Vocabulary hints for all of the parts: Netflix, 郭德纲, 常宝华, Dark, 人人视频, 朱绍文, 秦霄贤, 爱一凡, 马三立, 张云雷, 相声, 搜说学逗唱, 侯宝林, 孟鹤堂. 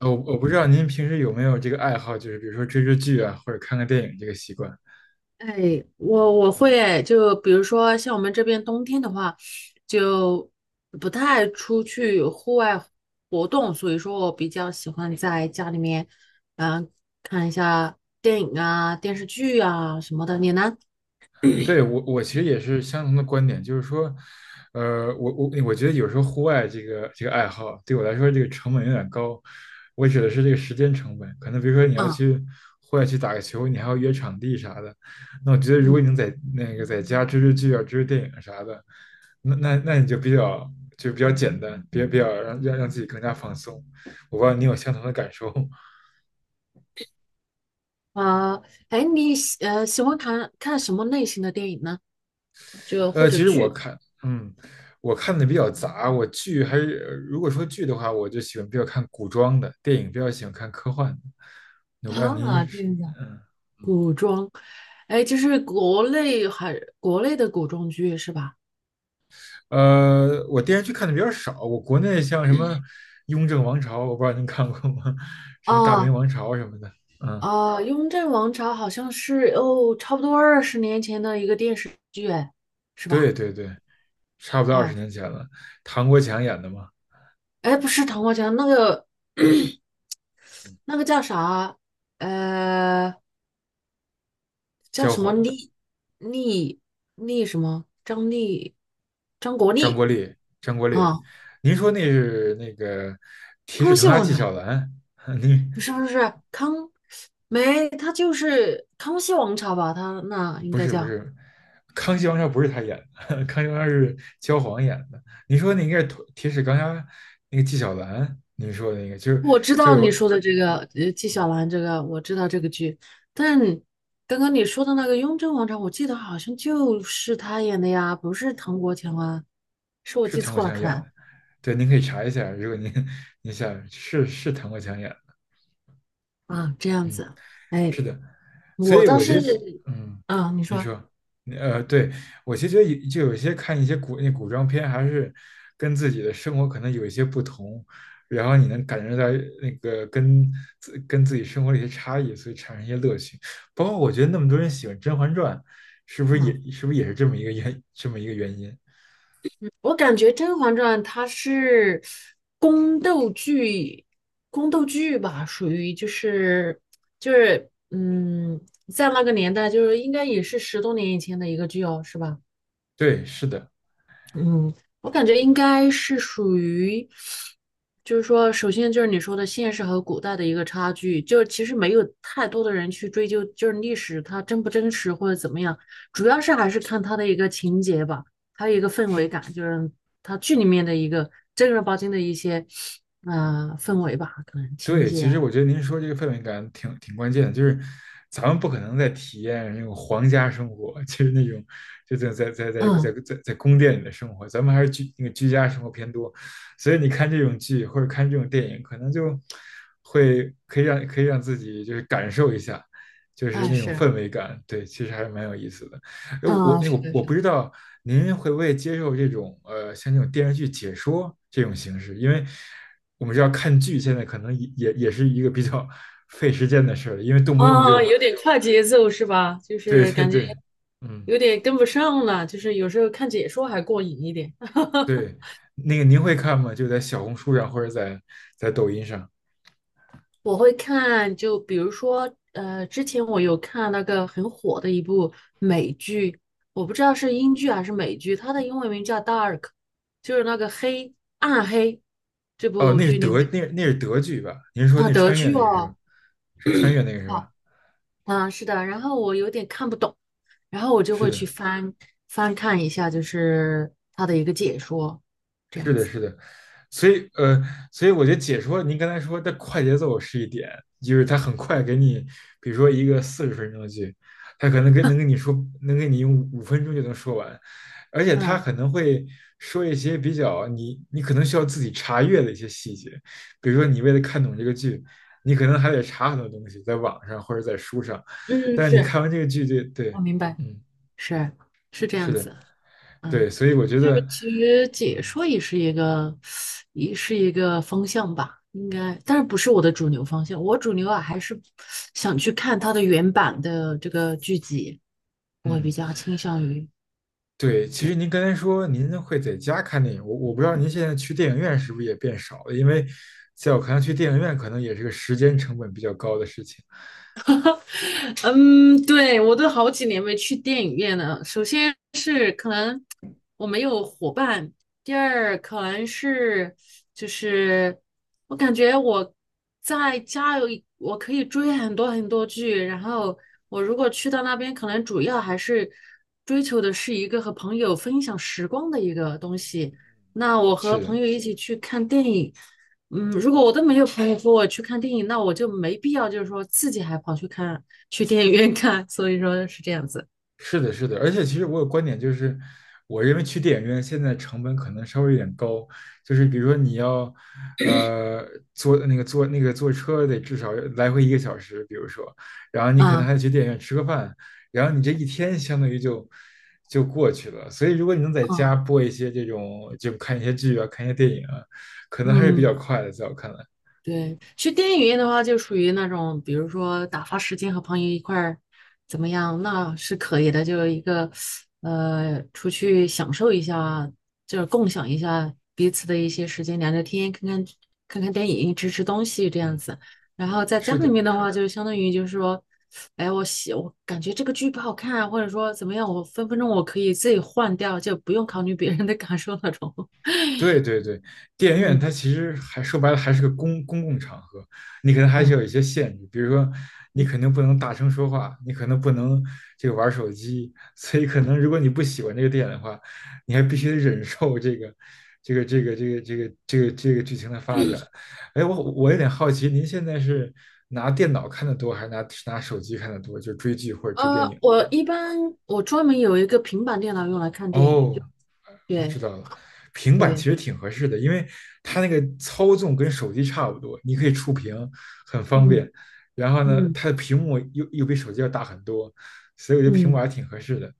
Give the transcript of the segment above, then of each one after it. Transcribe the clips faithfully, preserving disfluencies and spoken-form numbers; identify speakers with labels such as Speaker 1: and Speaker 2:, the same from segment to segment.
Speaker 1: 呃我我不知道您平时有没有这个爱好，就是比如说追追剧啊，或者看看电影这个习惯。
Speaker 2: 哎，我我会哎，就比如说像我们这边冬天的话，就不太出去户外活动，所以说我比较喜欢在家里面，嗯、看一下电影啊、电视剧啊什么的。你呢？
Speaker 1: 对，我，我其实也是相同的观点，就是说，呃，我我我觉得有时候户外这个这个爱好对我来说这个成本有点高。我指的是这个时间成本，可能比如说你要
Speaker 2: 啊，
Speaker 1: 去户外去打个球，你还要约场地啥的。那我觉得如果
Speaker 2: 嗯，
Speaker 1: 你能在那个在家追追剧啊、追追电影啥的，那那那你就比较就比较简单，比较比较让让让自己更加放松。我不知道你有相同的感受吗。
Speaker 2: 啊，哎，你喜呃喜欢看看什么类型的电影呢？就或
Speaker 1: 呃，
Speaker 2: 者
Speaker 1: 其实我
Speaker 2: 剧
Speaker 1: 看，嗯，我看的比较杂。我剧还是，呃如果说剧的话，我就喜欢比较看古装的，电影比较喜欢看科幻的。我不知道您
Speaker 2: 啊，这
Speaker 1: 是，
Speaker 2: 样子。
Speaker 1: 嗯，
Speaker 2: 哎，就是国内还国内的古装剧是吧？
Speaker 1: 呃，我电视剧看的比较少。我国内像什么《雍正王朝》，我不知道您看过吗？什么《大明
Speaker 2: 啊，
Speaker 1: 王朝》什么的。嗯，
Speaker 2: 啊，雍正王朝》好像是哦，差不多二十年前的一个电视剧，哎，是
Speaker 1: 对
Speaker 2: 吧？
Speaker 1: 对对，差不多二十
Speaker 2: 哦，
Speaker 1: 年前了。唐国强演的嘛，
Speaker 2: 哎，不是《唐国强》，那个 那个叫啥？呃，叫
Speaker 1: 焦
Speaker 2: 什么
Speaker 1: 晃、
Speaker 2: 厉厉厉什么？张力，张国
Speaker 1: 张
Speaker 2: 立
Speaker 1: 国立、张国立。
Speaker 2: 啊，
Speaker 1: 您说那是那个铁齿
Speaker 2: 康
Speaker 1: 铜
Speaker 2: 熙
Speaker 1: 牙
Speaker 2: 王
Speaker 1: 纪
Speaker 2: 朝》
Speaker 1: 晓岚？您
Speaker 2: 不是不是康，没，他就是《康熙王朝》吧？他那应该叫。
Speaker 1: 康熙王朝不是他演的，康熙王朝是焦晃演的。你说那应该是铁齿钢牙那个纪晓岚，您说那个就是
Speaker 2: 我知
Speaker 1: 就
Speaker 2: 道你
Speaker 1: 有
Speaker 2: 说的这个，呃，纪晓岚这个我知道这个剧，但刚刚你说的那个《雍正王朝》，我记得好像就是他演的呀，不是唐国强啊，是我
Speaker 1: 是
Speaker 2: 记
Speaker 1: 唐国
Speaker 2: 错了，
Speaker 1: 强
Speaker 2: 可
Speaker 1: 演
Speaker 2: 能
Speaker 1: 的，对，您可以查一下，如果您您想是是唐国强演的，
Speaker 2: 啊，这样
Speaker 1: 嗯。
Speaker 2: 子，哎，
Speaker 1: 是的，所
Speaker 2: 我
Speaker 1: 以
Speaker 2: 倒
Speaker 1: 我觉得，
Speaker 2: 是，
Speaker 1: 嗯，
Speaker 2: 啊，你
Speaker 1: 您
Speaker 2: 说，
Speaker 1: 说，呃，对，我其实觉得有就有一些看一些古那古装片，还是跟自己的生活可能有一些不同，然后你能感觉到那个跟自跟自己生活的一些差异，所以产生一些乐趣。包括我觉得那么多人喜欢《甄嬛传》，是不是
Speaker 2: 嗯，
Speaker 1: 也是不是也是这么一个原这么一个原因？
Speaker 2: 我感觉《甄嬛传》它是宫斗剧，宫斗剧吧，属于就是就是，嗯，在那个年代，就是应该也是十多年以前的一个剧哦，是吧？
Speaker 1: 对，是的。
Speaker 2: 嗯，我感觉应该是属于，就是说，首先就是你说的现实和古代的一个差距，就是其实没有太多的人去追究，就是历史它真不真实或者怎么样，主要是还是看它的一个情节吧，还有一个氛围感，就是它剧里面的一个正儿八经的一些，嗯，氛围吧，可能情
Speaker 1: 对，
Speaker 2: 节
Speaker 1: 其实
Speaker 2: 啊，
Speaker 1: 我觉得您说这个氛围感挺挺关键的，就是咱们不可能再体验那种皇家生活，就是那种就在在在在在
Speaker 2: 嗯，
Speaker 1: 在在宫殿里的生活，咱们还是居那个居家生活偏多，所以你看这种剧或者看这种电影，可能就会可以让可以让自己就是感受一下，就是
Speaker 2: 哎
Speaker 1: 那种
Speaker 2: 是，
Speaker 1: 氛围感，对，其实还是蛮有意思的。哎，我
Speaker 2: 嗯
Speaker 1: 那我我不
Speaker 2: 是。
Speaker 1: 知道您会不会接受这种呃像这种电视剧解说这种形式，因为我们知道看剧现在可能也也是一个比较 费时间的事儿，因为动不动
Speaker 2: 啊，
Speaker 1: 就
Speaker 2: 有点快节奏是吧？就
Speaker 1: 对
Speaker 2: 是
Speaker 1: 对
Speaker 2: 感觉
Speaker 1: 对，嗯
Speaker 2: 有点跟不上了，就是有时候看解说还过瘾一点。
Speaker 1: 对，那个您会看吗？就在小红书上或者在在抖音上？
Speaker 2: 我会看，就比如说，呃，之前我有看那个很火的一部美剧，我不知道是英剧还是美剧，它的英文名叫《D A R K》,就是那个黑暗黑这
Speaker 1: 哦，
Speaker 2: 部
Speaker 1: 那是
Speaker 2: 剧里面
Speaker 1: 德那那是德剧吧？您说
Speaker 2: 啊，
Speaker 1: 那
Speaker 2: 德
Speaker 1: 穿越
Speaker 2: 剧
Speaker 1: 那个是吧？
Speaker 2: 哦，
Speaker 1: 是穿越那个是吧？
Speaker 2: 好啊，是的，然后我有点看不懂。然后我就
Speaker 1: 是
Speaker 2: 会去
Speaker 1: 的，
Speaker 2: 翻翻看一下，就是他的一个解说，这
Speaker 1: 是
Speaker 2: 样
Speaker 1: 的，
Speaker 2: 子。
Speaker 1: 是的，所以呃，所以我觉得解说您刚才说的快节奏是一点，就是他很快给你，比如说一个四十分钟的剧，他可能跟能跟你说，能给你用五分钟就能说完，而且他
Speaker 2: 嗯
Speaker 1: 可能会说一些比较你你可能需要自己查阅的一些细节，比如说你为了看懂这个剧，你可能还得查很多东西，在网上或者在书上，
Speaker 2: 嗯，
Speaker 1: 但是你
Speaker 2: 是
Speaker 1: 看完这个剧就
Speaker 2: 我
Speaker 1: 对，
Speaker 2: 明白，
Speaker 1: 嗯，
Speaker 2: 是是这
Speaker 1: 是
Speaker 2: 样
Speaker 1: 的，
Speaker 2: 子。嗯，
Speaker 1: 对，所以我觉
Speaker 2: 就
Speaker 1: 得，
Speaker 2: 是其实解
Speaker 1: 嗯
Speaker 2: 说也是一个也是一个方向吧，应该，但是不是我的主流方向。我主流啊，还是想去看他的原版的这个剧集，我
Speaker 1: 嗯。
Speaker 2: 比较倾向于
Speaker 1: 对，其实您刚才说您会在家看电影，我我不知道您现在去电影院是不是也变少了，因为在我看来，去电影院可能也是个时间成本比较高的事情。
Speaker 2: 嗯，对，我都好几年没去电影院了。首先是可能我没有伙伴，第二可能是就是我感觉我在家有一我可以追很多很多剧，然后我如果去到那边，可能主要还是追求的是一个和朋友分享时光的一个东西。那我和
Speaker 1: 是
Speaker 2: 朋
Speaker 1: 的，
Speaker 2: 友一起去看电影。嗯，如果我都没有朋友和我去看电影，那我就没必要，就是说自己还跑去看，去电影院看。所以说是这样子。
Speaker 1: 是的，是的，而且其实我有观点，就是我认为去电影院现在成本可能稍微有点高，就是比如说你要，呃，坐那个坐那个坐车得至少来回一个小时，比如说，然后你可能还
Speaker 2: 嗯
Speaker 1: 得去电影院吃个饭，然后你这一天相当于就就过去了。所以如果你能在家
Speaker 2: 嗯
Speaker 1: 播一些这种，就看一些剧啊，看一些电影啊，可能还是比较
Speaker 2: 嗯，
Speaker 1: 快的，在我看来，
Speaker 2: 对，去电影院的话，就属于那种，比如说打发时间和朋友一块儿怎么样，那是可以的。就一个呃，出去享受一下，就是共享一下彼此的一些时间，聊聊天，看看看看电影，吃吃东西这样
Speaker 1: 嗯，
Speaker 2: 子。然后在家
Speaker 1: 是
Speaker 2: 里面
Speaker 1: 的。
Speaker 2: 的话，就相当于就是说，哎，我喜我感觉这个剧不好看啊，或者说怎么样，我分分钟我可以自己换掉，就不用考虑别人的感受那种。
Speaker 1: 对对对，电 影院
Speaker 2: 嗯
Speaker 1: 它其实还说白了还是个公公共场合，你可能还是
Speaker 2: 嗯。
Speaker 1: 有一些限制，比如说你肯定不能大声说话，你可能不能这个玩手机，所以可能如果你不喜欢这个电影的话，你还必须得忍受这个这个这个这个这个这个这个剧情的发展。哎，我我有点好奇，您现在是拿电脑看的多，还是拿拿手机看的多？就追剧或者追电影
Speaker 2: 呃，
Speaker 1: 的话，
Speaker 2: 我一般我专门有一个平板电脑用来看电影，就
Speaker 1: 哦，我
Speaker 2: 对
Speaker 1: 知道了，平板其
Speaker 2: 对，
Speaker 1: 实挺合适的，因为它那个操纵跟手机差不多，你可以触屏，很方
Speaker 2: 嗯
Speaker 1: 便。然后呢，
Speaker 2: 嗯
Speaker 1: 它的屏幕又又比手机要大很多，所以我觉得平
Speaker 2: 嗯
Speaker 1: 板挺合适的。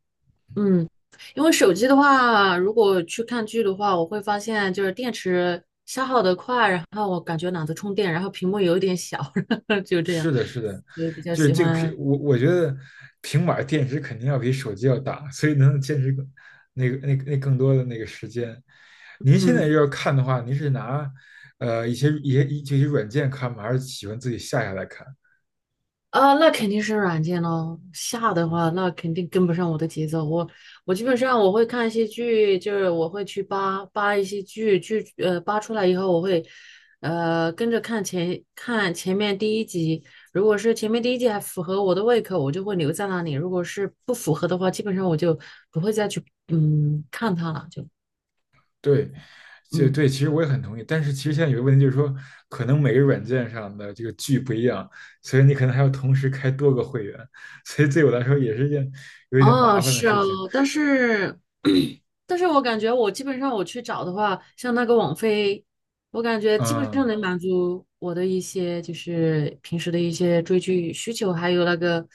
Speaker 2: 嗯，因为手机的话，如果去看剧的话，我会发现就是电池消耗的快，然后我感觉懒得充电，然后屏幕有一点小，就这样，
Speaker 1: 是的，是的，
Speaker 2: 所以比较
Speaker 1: 就是
Speaker 2: 喜
Speaker 1: 这个屏，
Speaker 2: 欢
Speaker 1: 我我觉得平板电池肯定要比手机要大，所以能坚持更那个那个那更多的那个时间。您现在
Speaker 2: 嗯
Speaker 1: 要看的话，您是拿呃一些一些一这些软件看吗？还是喜欢自己下下来看？
Speaker 2: 啊，那肯定是软件咯。下的话，那肯定跟不上我的节奏。我我基本上我会看一些剧，就是我会去扒扒一些剧，剧呃扒出来以后，我会呃跟着看前看前面第一集。如果是前面第一集还符合我的胃口，我就会留在那里；如果是不符合的话，基本上我就不会再去嗯看它了。就
Speaker 1: 对，就
Speaker 2: 嗯
Speaker 1: 对，其实我也很同意。但是其实现在有个问题就是说，可能每个软件上的这个剧不一样，所以你可能还要同时开多个会员，所以对我来说也是一件有一点
Speaker 2: 哦，
Speaker 1: 麻烦的
Speaker 2: 是
Speaker 1: 事情。
Speaker 2: 哦，但是但是我感觉我基本上我去找的话，像那个网飞，我感觉基本上
Speaker 1: 嗯。
Speaker 2: 能满足我的一些就是平时的一些追剧需求，还有那个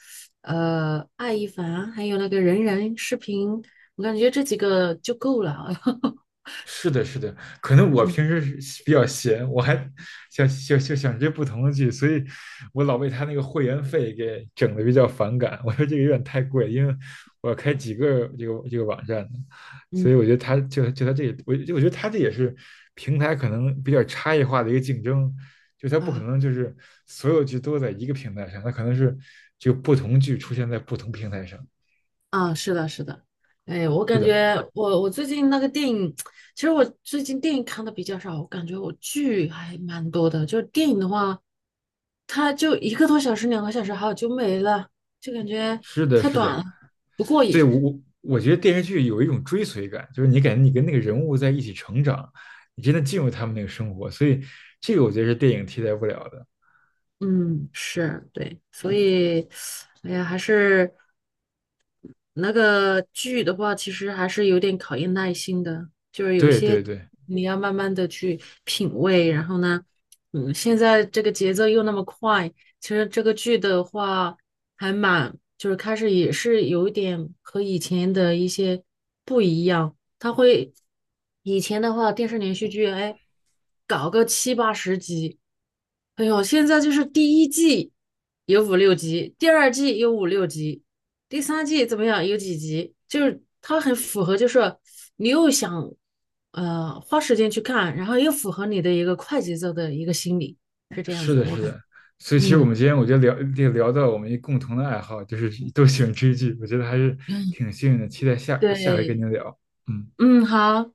Speaker 2: 呃爱一凡，还有那个人人视频，我感觉这几个就够了。
Speaker 1: 是的，是的，可能我
Speaker 2: 嗯
Speaker 1: 平时是比较闲，我还想想想想这不同的剧，所以我老被他那个会员费给整的比较反感。我说这个有点太贵，因为我要开几个这个这个网站呢，
Speaker 2: 嗯，
Speaker 1: 所以我觉得他就就他这，也我我觉得他这也是平台可能比较差异化的一个竞争，就他不可
Speaker 2: 啊，
Speaker 1: 能就是所有剧都在一个平台上，他可能是就不同剧出现在不同平台上。
Speaker 2: 啊，是的，是的，哎，我
Speaker 1: 是
Speaker 2: 感
Speaker 1: 的，
Speaker 2: 觉我我最近那个电影，其实我最近电影看的比较少，我感觉我剧还蛮多的。就是电影的话，它就一个多小时、两个小时，好就没了，就感觉
Speaker 1: 是的，
Speaker 2: 太
Speaker 1: 是
Speaker 2: 短
Speaker 1: 的。
Speaker 2: 了 不过
Speaker 1: 对，
Speaker 2: 瘾。
Speaker 1: 我我我觉得电视剧有一种追随感，就是你感觉你跟那个人物在一起成长，你真的进入他们那个生活，所以这个我觉得是电影替代不了的。
Speaker 2: 嗯，是对，所以，哎呀，还是。那个剧的话，其实还是有点考验耐心的，就是有
Speaker 1: 对
Speaker 2: 些
Speaker 1: 对对，
Speaker 2: 你要慢慢的去品味。然后呢，嗯，现在这个节奏又那么快，其实这个剧的话还蛮，就是开始也是有一点和以前的一些不一样。它会以前的话，电视连续剧，哎，搞个七八十集，哎呦，现在就是第一季有五六集，第二季有五六集。第三季怎么样？有几集？就是它很符合，就是你又想呃花时间去看，然后又符合你的一个快节奏的一个心理。
Speaker 1: 是的，是的。所以其实我们
Speaker 2: 嗯
Speaker 1: 今天我觉得聊这个聊到我们一共同的爱好，就是都喜欢追剧，我觉得还是
Speaker 2: 嗯，
Speaker 1: 挺幸运的。期待下下回跟
Speaker 2: 对，
Speaker 1: 您聊，嗯。
Speaker 2: 嗯，好。